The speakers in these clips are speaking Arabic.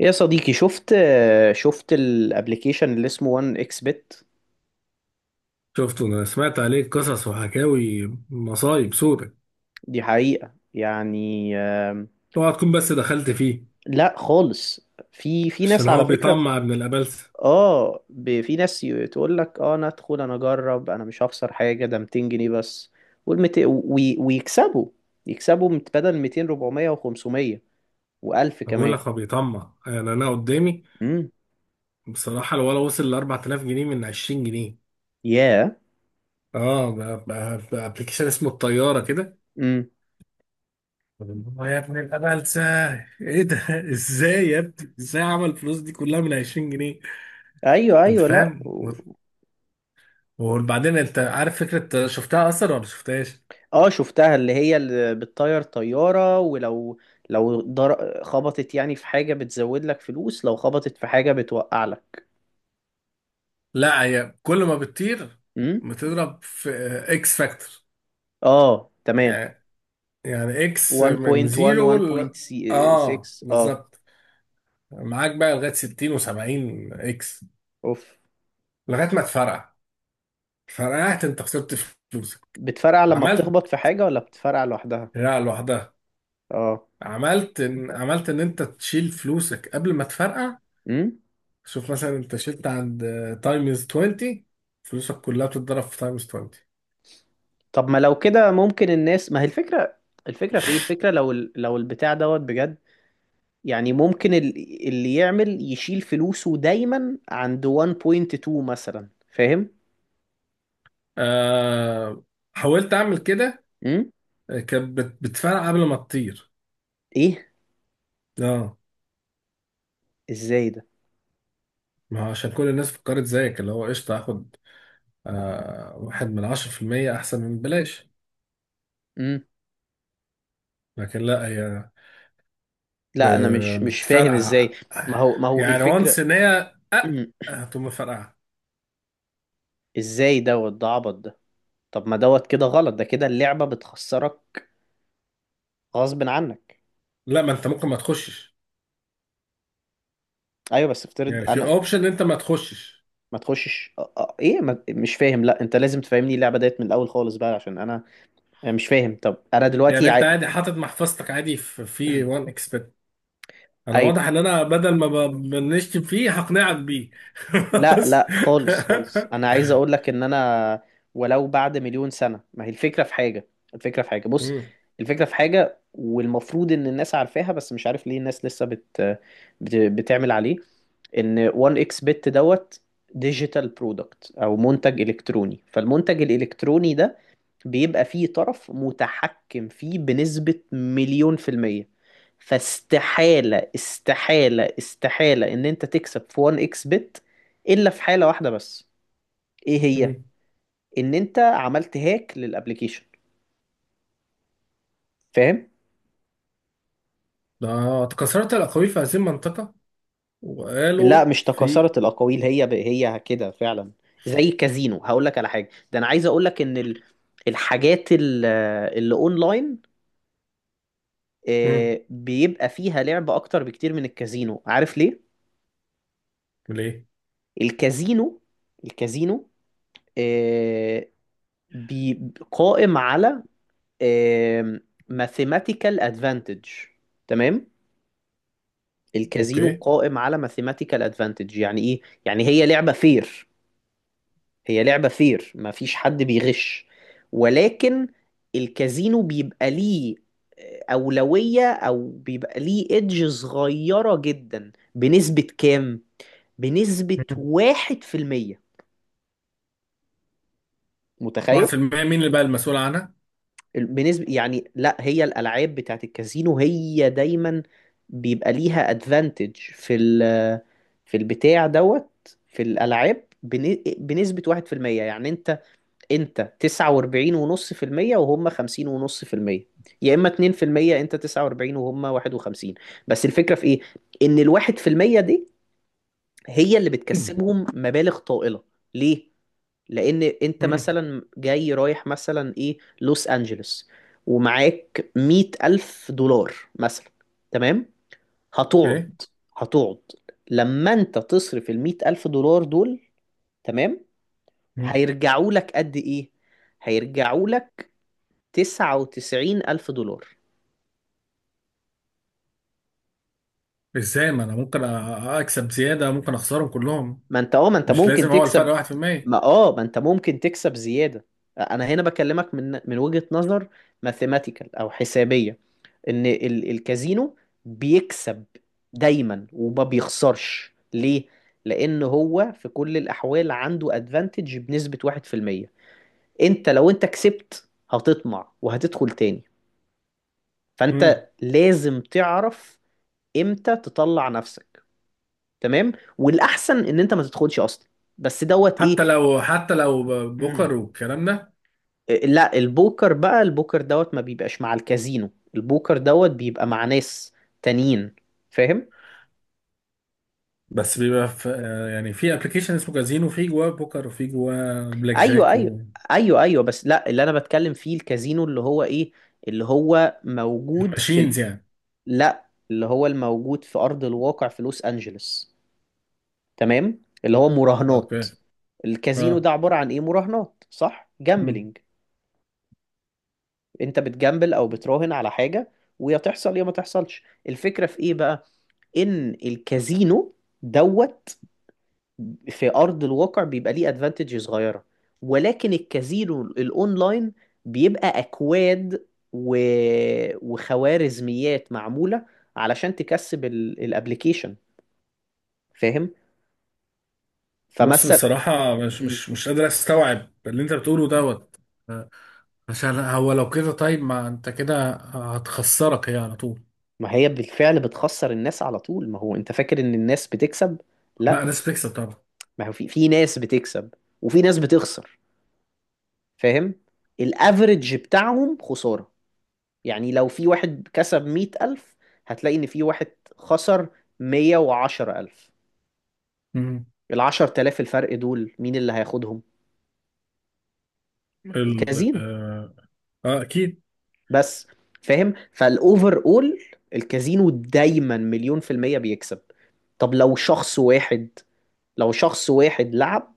يا صديقي، شفت الابليكيشن اللي اسمه 1 اكس بت. شفته. انا سمعت عليه قصص وحكاوي، مصايب سودة. دي حقيقة يعني. اوعى تكون بس دخلت فيه، لا خالص. في عشان ناس، هو على فكرة. بيطمع ابن الابلسه. اه، في ناس تقول لك: اه، انا ادخل، انا اجرب، انا مش هخسر حاجة، ده 200 جنيه بس. ويكسبوا بدل 200، 400 و500 و1000 انا بقول كمان. لك هو بيطمع، يعني انا قدامي امم. بصراحه الولا وصل ل 4000 جنيه من 20 جنيه. ياه. اه ب- بابلكيشن اسمه الطياره كده. امم. آه يا ابن الابلسه، ايه ده ازاي يا ابني، ازاي عمل الفلوس دي كلها من 20 جنيه؟ ايوه، انت ايوه، لا. فاهم وبعدين انت عارف فكره شفتها اصلا ولا شفتهاش؟ اه، شفتها، اللي هي اللي بتطير طيارة. ولو لو خبطت يعني في حاجة بتزود لك فلوس، لو خبطت في حاجة بتوقع لك. لا، هي كل ما بتطير امم. بتضرب في اكس فاكتور. اه، تمام. يعني يعني اكس من 1.1، زيرو ل... اه 1.6، اه. بالظبط، معاك بقى لغايه 60 و70 اكس، اوف. لغايه ما تفرقع. فرقعت، انت خسرت فلوسك. بتفرقع لما عملت. بتخبط في حاجة، ولا بتفرقع لوحدها؟ لا، لوحدها. اه. عملت ان انت تشيل فلوسك قبل ما تفرقع. امم. شوف مثلا، انت شلت عند تايمز 20، فلوسك كلها بتتضرب في تايمز 20. طب ما لو كده ممكن الناس، ما هي الفكرة؟ الفكرة في ايه؟ الفكرة لو لو البتاع دوت بجد، يعني ممكن اللي يعمل يشيل فلوسه دايما عند 1.2 مثلا، فاهم؟ آه... حاولت اعمل كده، امم. كانت بتفرقع قبل ما تطير. ايه. اه، ازاي ده؟ ما هو عشان كل الناس فكرت زيك، اللي هو قشطة هاخد آه واحد من عشرة في المية أحسن من بلاش. امم. لكن لا، هي لا، انا مش مش فاهم بتفرقع. ازاي. ما هو يعني وانس الفكره. إن هي مم. هتقوم مفرقعة. ازاي دوت؟ ده عبط ده. طب ما دوت كده غلط، ده كده اللعبه بتخسرك غصب عنك. لا، ما أنت ممكن ما تخشش، ايوه، بس افترض يعني في انا. أوبشن إن أنت ما تخشش. ما تخشش ايه، ما... مش فاهم. لا، انت لازم تفهمني اللعبه ديت من الاول خالص بقى عشان انا. أنا مش فاهم. طب انا يعني دلوقتي أنت عادي حاطط محفظتك عادي في وان اكسبت. أنا ايوه. واضح إن أنا بدل ما بنشتم فيه هقنعك بيه. لا بس لا خالص خالص، انا عايز اقول لك ان انا، ولو بعد مليون سنة. ما هي الفكرة في حاجة؟ الفكرة في حاجة، بص. الفكرة في حاجة، والمفروض ان الناس عارفاها، بس مش عارف ليه الناس لسه بتعمل عليه. ان 1 اكس بت دوت ديجيتال برودكت، او منتج الكتروني. فالمنتج الالكتروني ده بيبقى فيه طرف متحكم فيه بنسبة مليون في المية. فاستحالة استحالة استحالة ان انت تكسب في 1 اكس بت، الا في حالة واحدة بس. ايه هي؟ مم. ان انت عملت هاك للابليكيشن، فاهم؟ ده، اتكسرت الأقاويل في هذه المنطقة، لا وقالوا مش في. تكاثرت الاقاويل، هي هي كده فعلا. زي كازينو، هقول لك على حاجة. ده انا عايز اقول لك ان الحاجات اللي اونلاين، مم. بيبقى فيها لعب اكتر بكتير من الكازينو. عارف ليه؟ ليه؟ الكازينو، الكازينو، آه، بي قائم على ماثيماتيكال ادفانتج، تمام. الكازينو أوكي. قائم على ماثيماتيكال ادفانتج، يعني ايه؟ يعني هي لعبة فير. هي لعبة فير، ما فيش حد بيغش. ولكن الكازينو بيبقى ليه أولوية، أو بيبقى ليه إدج صغيرة جدا، بنسبة كام؟ بنسبة مم. واحد في المية. واحد متخيل؟ في المية مين اللي بقى المسؤول عنها؟ بنسبة، يعني لا هي الألعاب بتاعت الكازينو هي دايما بيبقى ليها ادفانتج في ال، في البتاع دوت، في الألعاب، بنسبة واحد في المية. يعني انت، انت تسعة واربعين ونص في المية وهم خمسين ونص في المية، يا اما اتنين في المية انت تسعة واربعين وهم واحد وخمسين. بس الفكرة في ايه؟ ان الواحد في المية دي هي اللي مم. بتكسبهم مبالغ طائلة. ليه؟ لان انت مم. مثلا جاي رايح مثلا ايه لوس انجلوس، ومعاك مية الف دولار مثلا، تمام. هتقعد، أوكي. هتقعد لما انت تصرف المية الف دولار دول، تمام. مم. هيرجعوا لك قد ايه؟ هيرجعوا لك تسعة وتسعين الف دولار. إزاي؟ ما أنا ممكن أكسب زيادة، ممكن أخسرهم كلهم. ما انت اه، ما انت مش ممكن لازم، هو تكسب. الفرق 1%. ما اه، ما انت ممكن تكسب زيادة. انا هنا بكلمك من وجهة نظر ماثيماتيكال او حسابية، ان الكازينو بيكسب دايما وما بيخسرش. ليه؟ لان هو في كل الاحوال عنده ادفانتج بنسبة 1%. انت لو انت كسبت هتطمع وهتدخل تاني، مم. فانت لازم تعرف امتى تطلع نفسك، تمام. والاحسن ان انت ما تدخلش اصلا، بس دوت ايه. حتى لو، حتى لو بوكر والكلام ده. لا البوكر بقى، البوكر دوت ما بيبقاش مع الكازينو. البوكر دوت بيبقى مع ناس تانيين، فاهم؟ بس بيبقى في يعني في ابلكيشن اسمه كازينو في جواه بوكر وفي جواه بلاك ايوه جاك ايوه. ايوه ايوه، بس لا اللي انا بتكلم فيه الكازينو اللي هو ايه، اللي هو موجود في وماشينز يعني. لا اللي هو الموجود في ارض الواقع في لوس انجلوس، تمام، اللي هو مراهنات. أوكي. الكازينو أه ده عبارة عن ايه؟ مراهنات، صح؟ جامبلينج. انت بتجامبل او بتراهن على حاجة، ويا تحصل يا ما تحصلش. الفكرة في ايه بقى؟ ان الكازينو دوت في ارض الواقع بيبقى ليه ادفانتج صغيره، ولكن الكازينو الاونلاين بيبقى اكواد و... وخوارزميات معموله علشان تكسب الابلكيشن، فاهم؟ بص فمثلا. بصراحة مش مم. مش مش قادر استوعب اللي انت بتقوله دوت. عشان هو لو كده، طيب ما انت كده هتخسرك هي على طول. ما هي بالفعل بتخسر الناس على طول، ما هو انت فاكر ان الناس بتكسب؟ لا، لا، ناس بتكسب طبعا. ما هو في ناس بتكسب وفي ناس بتخسر، فاهم؟ الافرج بتاعهم خساره. يعني لو في واحد كسب مية ألف، هتلاقي إن في واحد خسر مية وعشرة ألف. مم. العشر تلاف الفرق دول مين اللي هياخدهم؟ ال الكازينو، اه آه، اكيد. بس. فاهم؟ فالأوفر أول الكازينو دايما مليون في المية بيكسب. طب لو شخص واحد، لو شخص واحد لعب،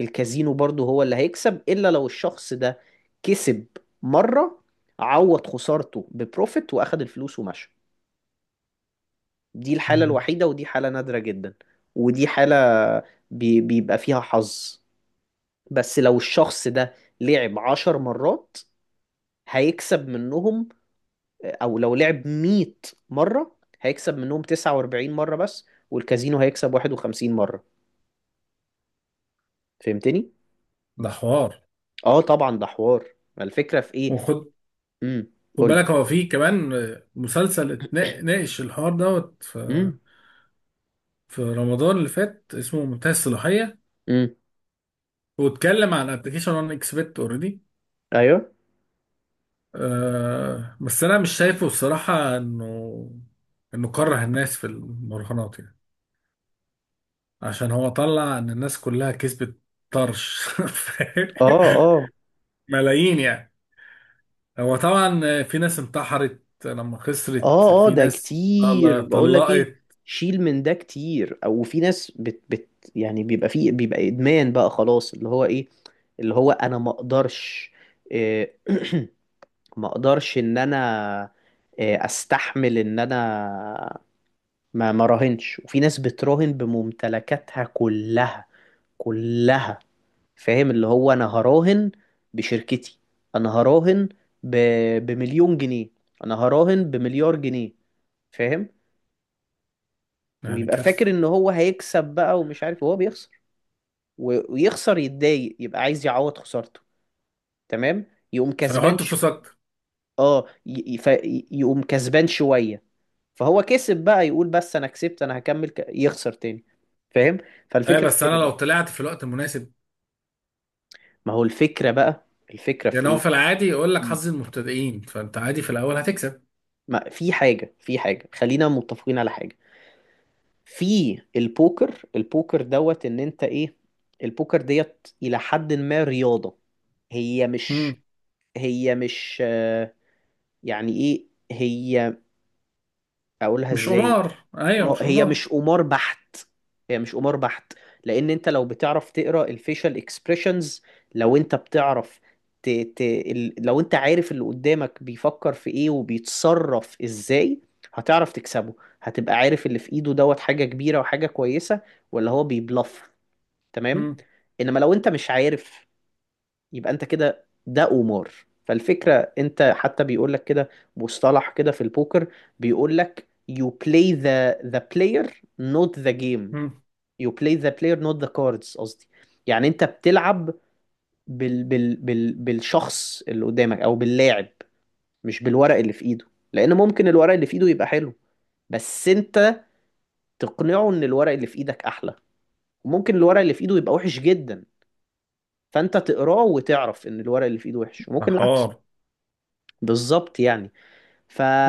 الكازينو برضه هو اللي هيكسب، إلا لو الشخص ده كسب مرة، عوض خسارته ببروفيت وأخد الفلوس ومشى. دي الحالة مم. الوحيدة ودي حالة نادرة جدا. ودي حالة بيبقى فيها حظ. بس لو الشخص ده لعب عشر مرات، هيكسب منهم، أو لو لعب مية مرة، هيكسب منهم تسعة وأربعين مرة بس، والكازينو هيكسب واحد وخمسين مرة. فهمتني؟ ده حوار. اه طبعا، ده حوار. ما الفكرة في ايه؟ وخد امم. خد قولي. بالك، هو فيه كمان مسلسل ناقش الحوار دوت، في امم. في رمضان اللي فات، اسمه منتهى الصلاحية. امم. واتكلم عن ابلكيشن انا اكسبت اوريدي. ايوه. بس انا مش شايفه الصراحة انه كره الناس في المراهنات يعني. عشان هو طلع ان الناس كلها كسبت طرش فاهم؟ اه اه. ملايين يعني. هو طبعا في ناس انتحرت لما خسرت، اه اه، في ده ناس كتير بقول لك ايه. طلقت، شيل من ده كتير، او في ناس بت بت يعني بيبقى فيه، بيبقى ادمان بقى خلاص اللي هو ايه، اللي هو انا ما اقدرش، إيه، ما اقدرش ان انا، استحمل ان انا ما راهنش. وفي ناس بتراهن بممتلكاتها كلها، كلها، فاهم؟ اللي هو انا هراهن بشركتي، انا هراهن ب... بمليون جنيه، انا هراهن بمليار جنيه، فاهم؟ يعني ويبقى فاكر كارثة. ان هو هيكسب بقى ومش عارف وهو بيخسر، ويخسر يتضايق، يبقى عايز يعوض خسارته، تمام. يقوم كسبان فحط فلوس اكتر. اه، يقوم كسبان شوية. فهو كسب بقى يقول بس انا كسبت، انا هكمل يخسر تاني، فاهم؟ ايه، فالفكرة في بس انا كده لو بقى. طلعت في الوقت المناسب، ما هو الفكرة بقى، الفكرة في يعني هو ايه؟ في العادي يقول لك مم. حظ المبتدئين، فانت عادي في الاول هتكسب. ما في حاجة، في حاجة خلينا متفقين على حاجة. في البوكر، البوكر دوت ان انت ايه، البوكر ديت الى حد ما رياضة. هي مم. مش، هي مش يعني ايه، هي، اقولها مش ازاي؟ قمار، ايوه اه، مش هي قمار. مش قمار بحت. هي مش قمار بحت، لان انت لو بتعرف تقرا الفيشال اكسبريشنز، لو انت بتعرف لو انت عارف اللي قدامك بيفكر في ايه وبيتصرف ازاي، هتعرف تكسبه، هتبقى عارف اللي في ايده دوت حاجة كبيرة وحاجة كويسة، ولا هو بيبلف، تمام. مم. انما لو انت مش عارف، يبقى انت كده، ده قمار. فالفكرة، انت حتى بيقول لك كده، مصطلح كده في البوكر، بيقول لك: you play the player not the game. مم. You play the player not the cards، قصدي. يعني انت بتلعب بالشخص اللي قدامك، او باللاعب، مش بالورق اللي في ايده. لان ممكن الورق اللي في ايده يبقى حلو، بس انت تقنعه ان الورق اللي في ايدك احلى، وممكن الورق اللي في ايده يبقى وحش جدا، فانت تقراه وتعرف ان الورق اللي في ايده وحش، ده وممكن حوار. العكس. بالظبط يعني.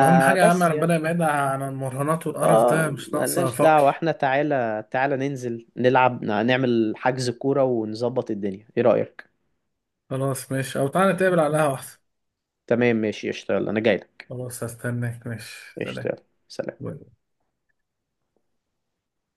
اهم حاجة يا عم، يعني. ربنا يبعدها عن المراهنات والقرف ده، اه، مش ناقصة ملناش فقر. دعوة احنا. تعالى، تعالى ننزل نلعب، نعمل حجز كورة ونظبط الدنيا، ايه رأيك؟ خلاص ماشي، او تعالى نتقابل على القهوة احسن. تمام ماشي، اشتغل، انا جاي لك. خلاص، هستناك ماشي. سلام. اشتغل. سلام.